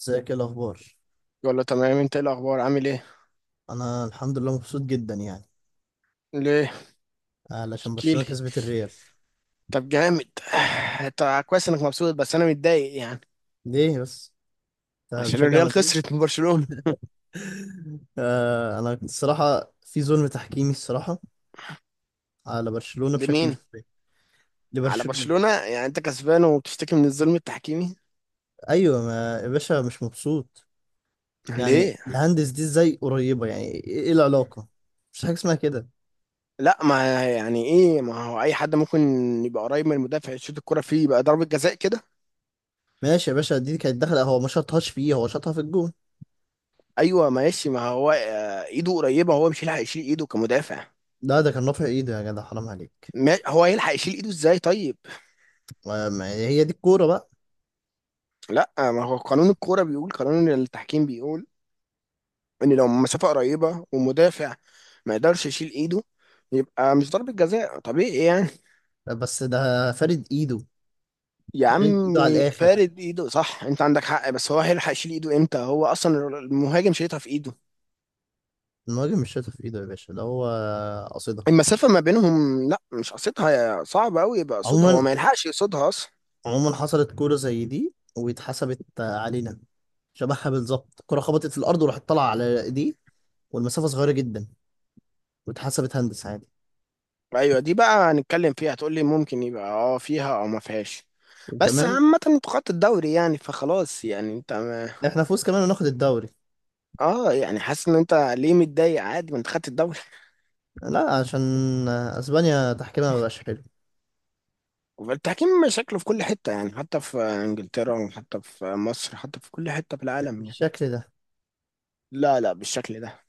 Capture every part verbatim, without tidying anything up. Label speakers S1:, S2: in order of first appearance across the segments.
S1: ازيك؟ ايه الاخبار؟
S2: يقول له تمام. انت ايه الاخبار؟ عامل ايه؟
S1: انا الحمد لله مبسوط جدا يعني.
S2: ليه؟
S1: علشان
S2: احكيلي.
S1: برشلونة كسبت الريال.
S2: طب جامد طب كويس انك مبسوط، بس انا متضايق يعني.
S1: ليه بس؟ انت
S2: عشان
S1: بتشجع
S2: الريال
S1: مدريد؟
S2: خسرت من برشلونة.
S1: آه، انا كنت الصراحه في ظلم تحكيمي الصراحه على برشلونة بشكل
S2: لمين؟
S1: مش طبيعي.
S2: على
S1: لبرشلونة.
S2: برشلونة؟ يعني انت كسبان وبتشتكي من الظلم التحكيمي؟
S1: ايوه ما يا باشا، مش مبسوط.
S2: ليه؟
S1: يعني الهندس دي ازاي قريبه؟ يعني ايه إيه العلاقه؟ مش حاجه اسمها كده.
S2: لا، ما يعني ايه؟ ما هو اي حد ممكن يبقى قريب من المدافع، يشوط الكرة فيه، يبقى ضربة جزاء كده.
S1: ماشي يا باشا، دي كانت داخله، هو ما شاطهاش فيه، هو شاطها في الجون.
S2: ايوه ماشي، ما هو آه، ايده قريبة، هو مش هيلحق يشيل ايده كمدافع.
S1: لا ده كان رافع ايده يا جدع، حرام عليك.
S2: ما هو هيلحق يشيل ايده ازاي طيب؟
S1: ما- ما- هي دي الكوره بقى.
S2: لا، ما هو قانون الكورة بيقول، قانون التحكيم بيقول ان لو مسافه قريبه ومدافع ما يقدرش يشيل ايده، يبقى مش ضربة جزاء طبيعي يعني.
S1: بس ده فارد ايده.
S2: يا
S1: فريد
S2: عم،
S1: ايده على الاخر.
S2: فارد ايده صح، انت عندك حق، بس هو هيلحق يشيل ايده امتى؟ هو اصلا المهاجم شايطها في ايده،
S1: المهاجم مش شايطها في ايده يا باشا، ده هو قصدها.
S2: المسافة ما بينهم، لا مش قصدها، صعب قوي يبقى قصدها، هو
S1: عموما
S2: ما يلحقش يقصدها اصلا.
S1: عموما حصلت كوره زي دي واتحسبت علينا. شبهها بالظبط، الكره خبطت في الارض وراحت طالعه على ايديه والمسافه صغيره جدا، واتحسبت هندس عادي.
S2: ايوه دي بقى هنتكلم فيها، هتقول لي ممكن يبقى اه فيها او ما فيهاش. بس
S1: وكمان.
S2: عامة انتوا خدتوا الدوري يعني، فخلاص يعني، انت ما...
S1: احنا فوز كمان وناخد الدوري.
S2: اه يعني حاسس ان انت ليه متضايق؟ عادي، ما انت خدت الدوري.
S1: لا عشان اسبانيا تحكيمها مبقاش حلو.
S2: التحكيم شكله في كل حتة يعني، حتى في انجلترا، وحتى في مصر، حتى في كل حتة في العالم يعني.
S1: بالشكل ده.
S2: لا لا بالشكل ده.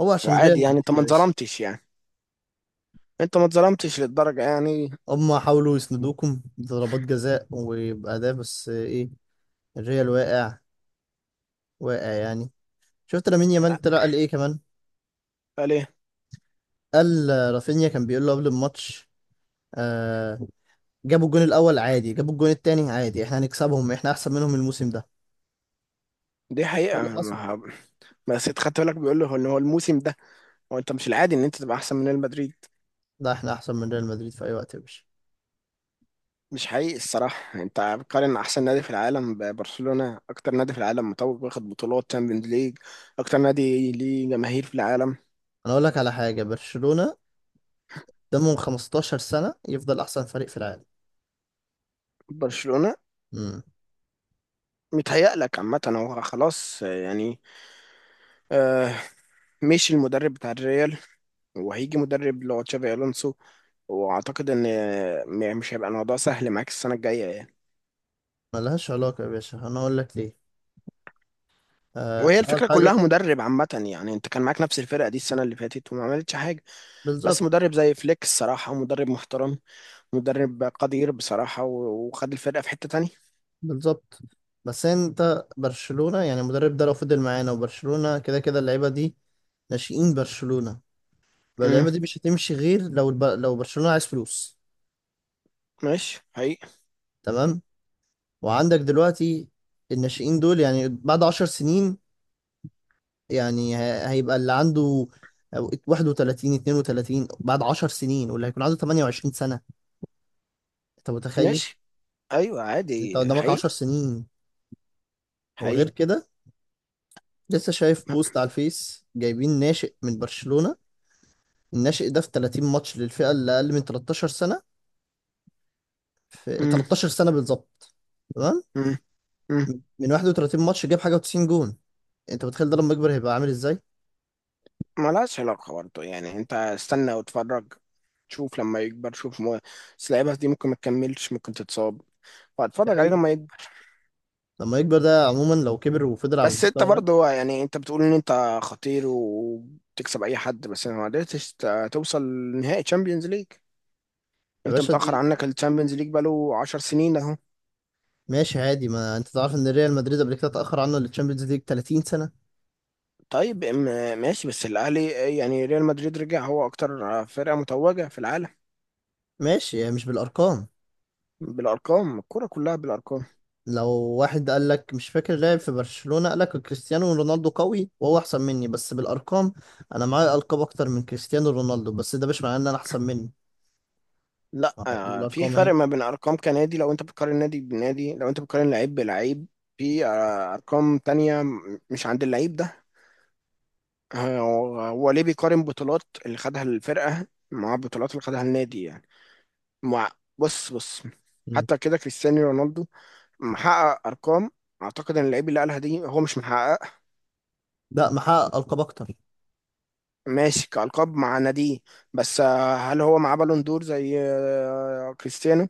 S1: هو عشان
S2: وعادي
S1: ريال
S2: يعني،
S1: مدريد
S2: انت ما
S1: يا باشا.
S2: اتظلمتش يعني، انت ما اتظلمتش للدرجة يعني.
S1: هما حاولوا يسندوكم بضربات جزاء وبأداء، بس ايه، الريال واقع. واقع يعني. شفت لامين يامال طلع قال ايه كمان؟
S2: آه، ليه؟
S1: قال آه، رافينيا كان بيقول له قبل الماتش. آه. جابوا الجون الاول عادي، جابوا الجون التاني عادي، احنا هنكسبهم، احنا احسن منهم الموسم ده.
S2: دي
S1: ده
S2: حقيقة.
S1: اللي حصل.
S2: ما ه- بس انت خدت بالك بيقول له ان هو الموسم ده؟ هو انت مش العادي ان انت تبقى احسن من ريال مدريد؟
S1: لا احنا احسن من ريال مدريد في اي وقت يا باشا.
S2: مش حقيقي الصراحة، انت بتقارن احسن نادي في العالم ببرشلونة، اكتر نادي في العالم متوج واخد بطولات تشامبيونز ليج، اكتر نادي ليه جماهير في العالم.
S1: انا اقول لك على حاجه، برشلونه ده من خمستاشر سنه يفضل احسن فريق في العالم.
S2: برشلونة.
S1: امم.
S2: متهيأ لك. عامة هو خلاص يعني. آه. مشي المدرب بتاع الريال، وهيجي مدرب اللي هو تشافي الونسو، واعتقد ان آه، م- مش هيبقى الموضوع سهل معاك السنه الجايه يعني.
S1: ملهاش علاقه يا باشا، انا اقول لك ليه. آه،
S2: وهي
S1: اول
S2: الفكره كلها
S1: حاجه.
S2: مدرب. عامه يعني انت كان معاك نفس الفرقه دي السنه اللي فاتت وما عملتش حاجه. بس
S1: بالظبط.
S2: مدرب زي فليك الصراحه مدرب محترم، مدرب قدير بصراحه، و- وخد الفرقه في حته تانية.
S1: بالظبط. بس انت برشلونه يعني، المدرب ده لو فضل معانا، وبرشلونه كده كده اللعيبه دي ناشئين برشلونه.
S2: امم.
S1: اللعيبه دي مش هتمشي غير لو الب... لو برشلونه عايز فلوس.
S2: ماشي حقيقي.
S1: تمام. وعندك دلوقتي الناشئين دول يعني بعد عشر سنين. يعني ه- هيبقى اللي عنده واحد وتلاتين اثنين وثلاثين بعد عشر سنين، واللي هيكون عنده ثمانية وعشرين سنه. انت متخيل؟
S2: ماشي. ايوه
S1: يعني انت
S2: عادي
S1: قدامك عشر
S2: حقيقي.
S1: سنين. وغير
S2: حقيقي.
S1: كده، لسه شايف بوست على الفيس جايبين ناشئ من برشلونه. الناشئ ده في تلاتين ماتش للفئه اللي اقل من تلتاشر سنه، في
S2: امم.
S1: تلتاشر سنه بالظبط. تمام.
S2: امم. امم.
S1: من واحد وتلاتين ماتش جاب حاجه و90 جون. انت متخيل ده لما يكبر هيبقى عامل ازاي؟
S2: ملهاش علاقه برضه يعني، انت استنى واتفرج. شوف لما يكبر، شوف مو... بس اللعيبه دي ممكن ما تكملش، ممكن تتصاب،
S1: ده
S2: وهتفرج عليه
S1: حقيقي.
S2: لما يكبر.
S1: لما يكبر ده، عموما لو كبر وفضل على
S2: بس انت
S1: المستوى ده.
S2: برضه يعني انت بتقول ان انت خطير وبتكسب اي حد، بس ما قدرتش ت- توصل نهائي تشامبيونز ليج.
S1: يا
S2: انت
S1: باشا
S2: متاخر
S1: دي.
S2: عنك التشامبيونز ليج بقاله 10 سنين اهو.
S1: ماشي عادي، ما انت تعرف ان ريال مدريد قبل كده اتأخر عنه للتشامبيونز ليج تلاتين سنة.
S2: طيب ام- ماشي، بس الاهلي، يعني ريال مدريد رجع هو اكتر فرقه متوجه في العالم.
S1: ماشي، يعني مش بالارقام.
S2: بالارقام، الكوره كلها بالارقام.
S1: لو واحد قال لك، مش فاكر لاعب في برشلونة، قال لك كريستيانو رونالدو قوي وهو احسن مني بس بالارقام، انا معايا القاب اكتر من كريستيانو رونالدو، بس ده مش معناه ان انا احسن منه.
S2: لا
S1: اه، دي
S2: آه، في
S1: بالارقام اهي.
S2: فرق ما بين ارقام كنادي، لو انت بتقارن نادي بنادي، لو انت بتقارن لعيب بلعيب. في آه، ارقام تانية م- مش عند اللعيب ده. آه، هو هو ليه بيقارن بطولات اللي خدها الفرقة مع بطولات اللي خدها النادي يعني؟ مع، بص بص،
S1: مم.
S2: حتى كده كريستيانو رونالدو محقق ارقام اعتقد ان اللعيب اللي قالها دي هو مش محقق.
S1: ده محقق القاب اكتر.
S2: ماشي كالقاب مع ناديه، بس آه، هل هو معاه بالون دور زي آه، كريستيانو؟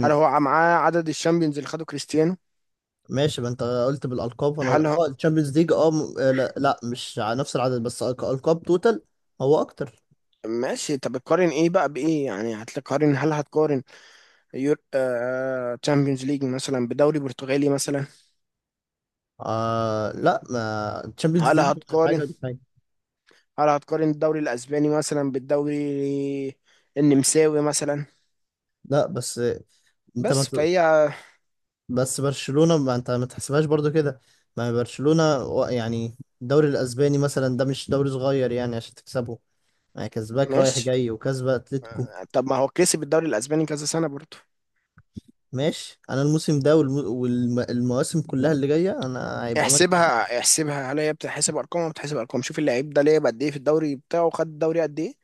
S2: هل هو معاه عدد الشامبيونز اللي خده كريستيانو؟
S1: ماشي، ما انت قلت بالالقاب، فانا قلت-
S2: هل
S1: اه الشامبيونز ليج اه م- آه، لا, لا مش على نفس العدد، بس ألق- القاب توتال. هو اكتر.
S2: ماشي؟ طب تقارن ايه بقى بايه يعني؟ هتقارن، هل هتقارن يور آه... تشامبيونز ليج مثلا بدوري برتغالي مثلا؟
S1: آه لا، ما الشامبيونز
S2: هل
S1: ليج حاجه
S2: هتقارن،
S1: ودي حاجه.
S2: هل هتقارن الدوري الاسباني مثلا بالدوري النمساوي مثلا؟
S1: لا بس آه، انت ما
S2: بس
S1: ت-
S2: فهي
S1: بس برشلونه، ما انت ما تحسبهاش برضو كده. ما برشلونه و- يعني الدوري الاسباني مثلا ده مش دوري صغير يعني عشان تكسبه. يعني كسباك رايح
S2: ماشي.
S1: جاي وكسبه اتلتيكو.
S2: طب ما هو كسب الدوري الاسباني كذا سنه برضه.
S1: ماشي، انا الموسم ده والمواسم كلها اللي جايه انا هيبقى مكسب.
S2: احسبها احسبها، هل هي بتحسب ارقام ولا بتحسب ارقام؟ شوف اللعيب ده لعب قد ايه في الدوري بتاعه، خد الدوري قد ايه،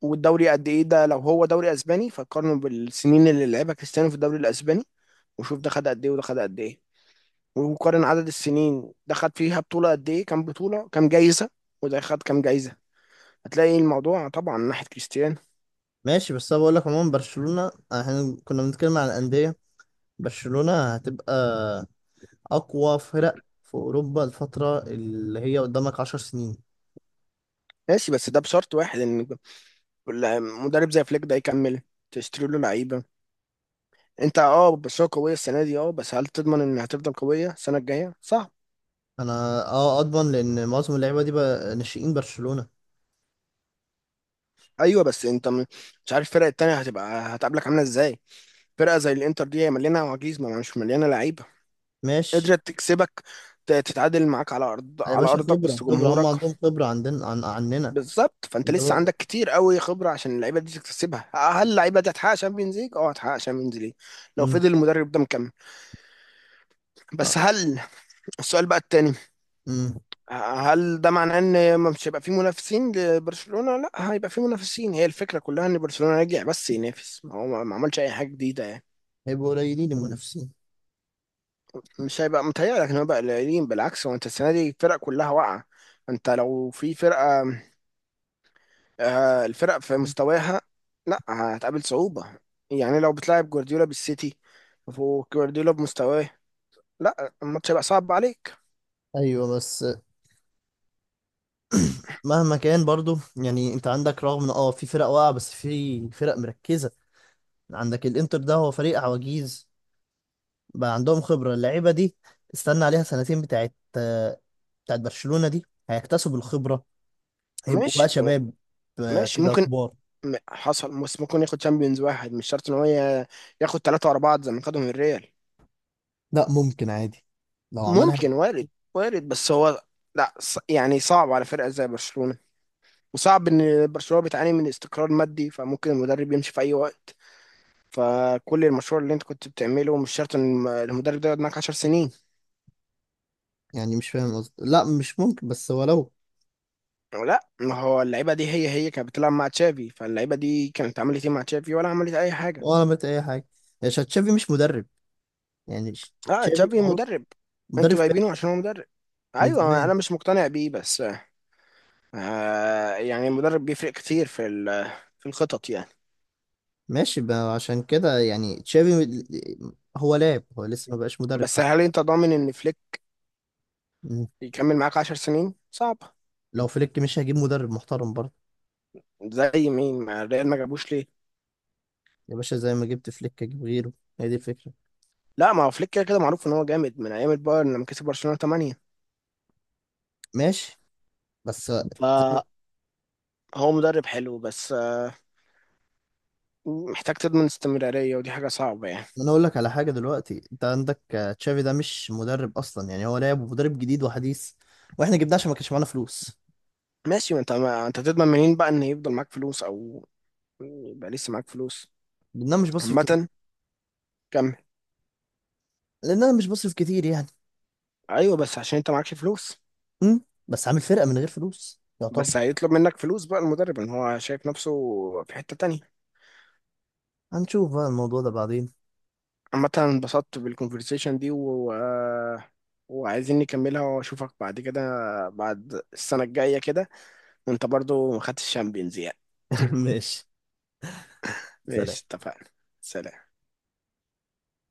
S2: والدوري قد ايه ده، لو هو دوري اسباني فقارنه بالسنين اللي لعبها كريستيانو في الدوري الاسباني، وشوف ده خد قد ايه وده خد قد ايه، وقارن عدد السنين، ده خد فيها بطولة قد ايه، كام بطولة، كام جايزة، وده خد كام جايزة. هتلاقي الموضوع طبعا من ناحية كريستيانو.
S1: ماشي بس انا بقول لك عموما، برشلونة احنا كنا بنتكلم عن الأندية. برشلونة هتبقى أقوى فرق في أوروبا الفترة اللي هي قدامك عشر سنين.
S2: ماشي، بس ده بشرط واحد، ان مدرب زي فليك ده يكمل، تشتري له لعيبة. انت اه، بس هو قوية السنة دي اه، بس هل تضمن ان هتفضل قوية السنة الجاية؟ صعب.
S1: أنا أه أضمن لأن معظم اللعيبة دي بقى ناشئين برشلونة.
S2: ايوه بس انت م- مش عارف الفرق التانية هتبقى هتقابلك عاملة ازاي. فرقة زي الانتر دي هي مليانة عواجيز، ما مش مليانة لعيبة،
S1: ماشي
S2: قدرت تكسبك، ت- تتعادل معاك على ارض،
S1: يا
S2: على
S1: باشا،
S2: ارضك
S1: خبرة
S2: وسط
S1: خبرة هم
S2: جمهورك.
S1: عندهم خبرة، عندنا عن عننا
S2: بالظبط، فانت
S1: أنت
S2: لسه
S1: بقى.
S2: عندك كتير قوي خبره عشان اللعيبه دي تكتسبها. هل اللعيبه دي هتحقق شامبيونز ليج؟ اه هتحقق شامبيونز ليج لو
S1: أمم.
S2: فضل المدرب ده مكمل.
S1: آه.
S2: بس هل السؤال بقى التاني،
S1: أمم.
S2: هل ده معناه ان مش هيبقى في منافسين لبرشلونه؟ لا، هيبقى في منافسين، هي الفكره كلها ان برشلونه رجع بس ينافس، ما هو ما عملش اي حاجه جديده يعني.
S1: هيبقوا قليلين المنافسين.
S2: مش هيبقى، متهيألك ان هو بقى قليلين؟ بالعكس، هو انت السنه دي الفرق كلها واقعه. انت لو في فرقه آه، الفرق في مستواها، لا هتقابل صعوبة. يعني لو بتلعب جوارديولا بالسيتي، وجوارديولا بمستواه، لا الماتش هيبقى صعب عليك.
S1: ايوه بس، مهما كان برضو يعني، انت عندك رغم ان اه في فرق واقعه بس في فرق مركزه. عندك الانتر، ده هو فريق عواجيز. بقى عندهم خبرة اللعيبة دي. استنى عليها سنتين بتاعت آه، بتاعت برشلونة دي. هيكتسبوا الخبرة. هيبقوا بقى
S2: ماشي.
S1: شباب، آه،
S2: ماشي
S1: كده
S2: ممكن.
S1: كبار.
S2: م- حصل، بس ممكن ياخد شامبيونز واحد، مش شرط ان هو ي- ياخد ثلاثة ورا بعض زي ما خدهم الريال.
S1: لا ممكن عادي لو عملها.
S2: ممكن، وارد، وارد، بس هو لا ص- يعني صعب على فرقة زي برشلونة، وصعب ان برشلونة بتعاني من استقرار مادي، فممكن المدرب يمشي في اي وقت، فكل المشروع اللي انت كنت بتعمله مش شرط ان الم- المدرب ده يقعد معاك 10 سنين.
S1: يعني مش فاهم قصدي، لا مش ممكن، بس هو لو.
S2: لا ما هو اللعيبه دي هي هي كانت بتلعب مع تشافي، فاللعيبه دي كانت عملت ايه مع تشافي؟ ولا عملت اي حاجه.
S1: هو عملت اي حاجة؟ يا شا- تشافي مش مدرب. يعني ش-
S2: اه
S1: تشافي
S2: تشافي
S1: معروف
S2: مدرب،
S1: مدرب
S2: انتوا جايبينه
S1: فاشل
S2: عشان هو مدرب.
S1: من
S2: ايوه
S1: زمان.
S2: انا مش مقتنع بيه، بس آه يعني المدرب بيفرق كتير في ال- في الخطط يعني.
S1: ماشي بقى، عشان كده يعني تشافي، م- هو لاعب، هو لسه ما بقاش مدرب
S2: بس
S1: حتى.
S2: هل انت ضامن ان فليك
S1: مم.
S2: يكمل معاك 10 سنين؟ صعب.
S1: لو فليك، مش هجيب مدرب محترم برضه؟
S2: زي مين؟ ما الريال ما جابوش ليه؟
S1: يا باشا، زي ما جبت فليك اجيب غيره. هي دي الفكرة.
S2: لا، ما هو فليك كده كده معروف ان هو جامد من ايام البايرن، لما كسب برشلونة تمانية.
S1: ماشي بس.
S2: فهو
S1: زي
S2: مدرب حلو، بس آه محتاج تضمن استمرارية، ودي حاجة صعبة يعني.
S1: ما انا اقول لك على حاجه دلوقتي، انت عندك آه، تشافي ده مش مدرب اصلا يعني، هو لاعب ومدرب جديد وحديث. واحنا جبناه عشان ما كانش معانا فلوس.
S2: ماشي. ما انت ما انت تضمن منين بقى ان يفضل معاك فلوس، او يبقى لسه معاك فلوس؟
S1: لان انا مش بصرف كتير.
S2: عامة كمل.
S1: لان انا مش بصرف كتير يعني.
S2: ايوه بس عشان انت معكش فلوس.
S1: امم بس عامل فرقه من غير فلوس
S2: بس
S1: يعتبر.
S2: هيطلب منك فلوس بقى المدرب، ان هو شايف نفسه في حتة تانية.
S1: هنشوف بقى الموضوع ده بعدين.
S2: عامة انبسطت بالكونفرسيشن دي و... و- وعايزين نكملها، واشوفك بعد كده، بعد السنة الجاية كده، وانت برضو ما خدتش الشامبيونز يعني.
S1: ماشي. سلام.
S2: ماشي اتفقنا. سلام.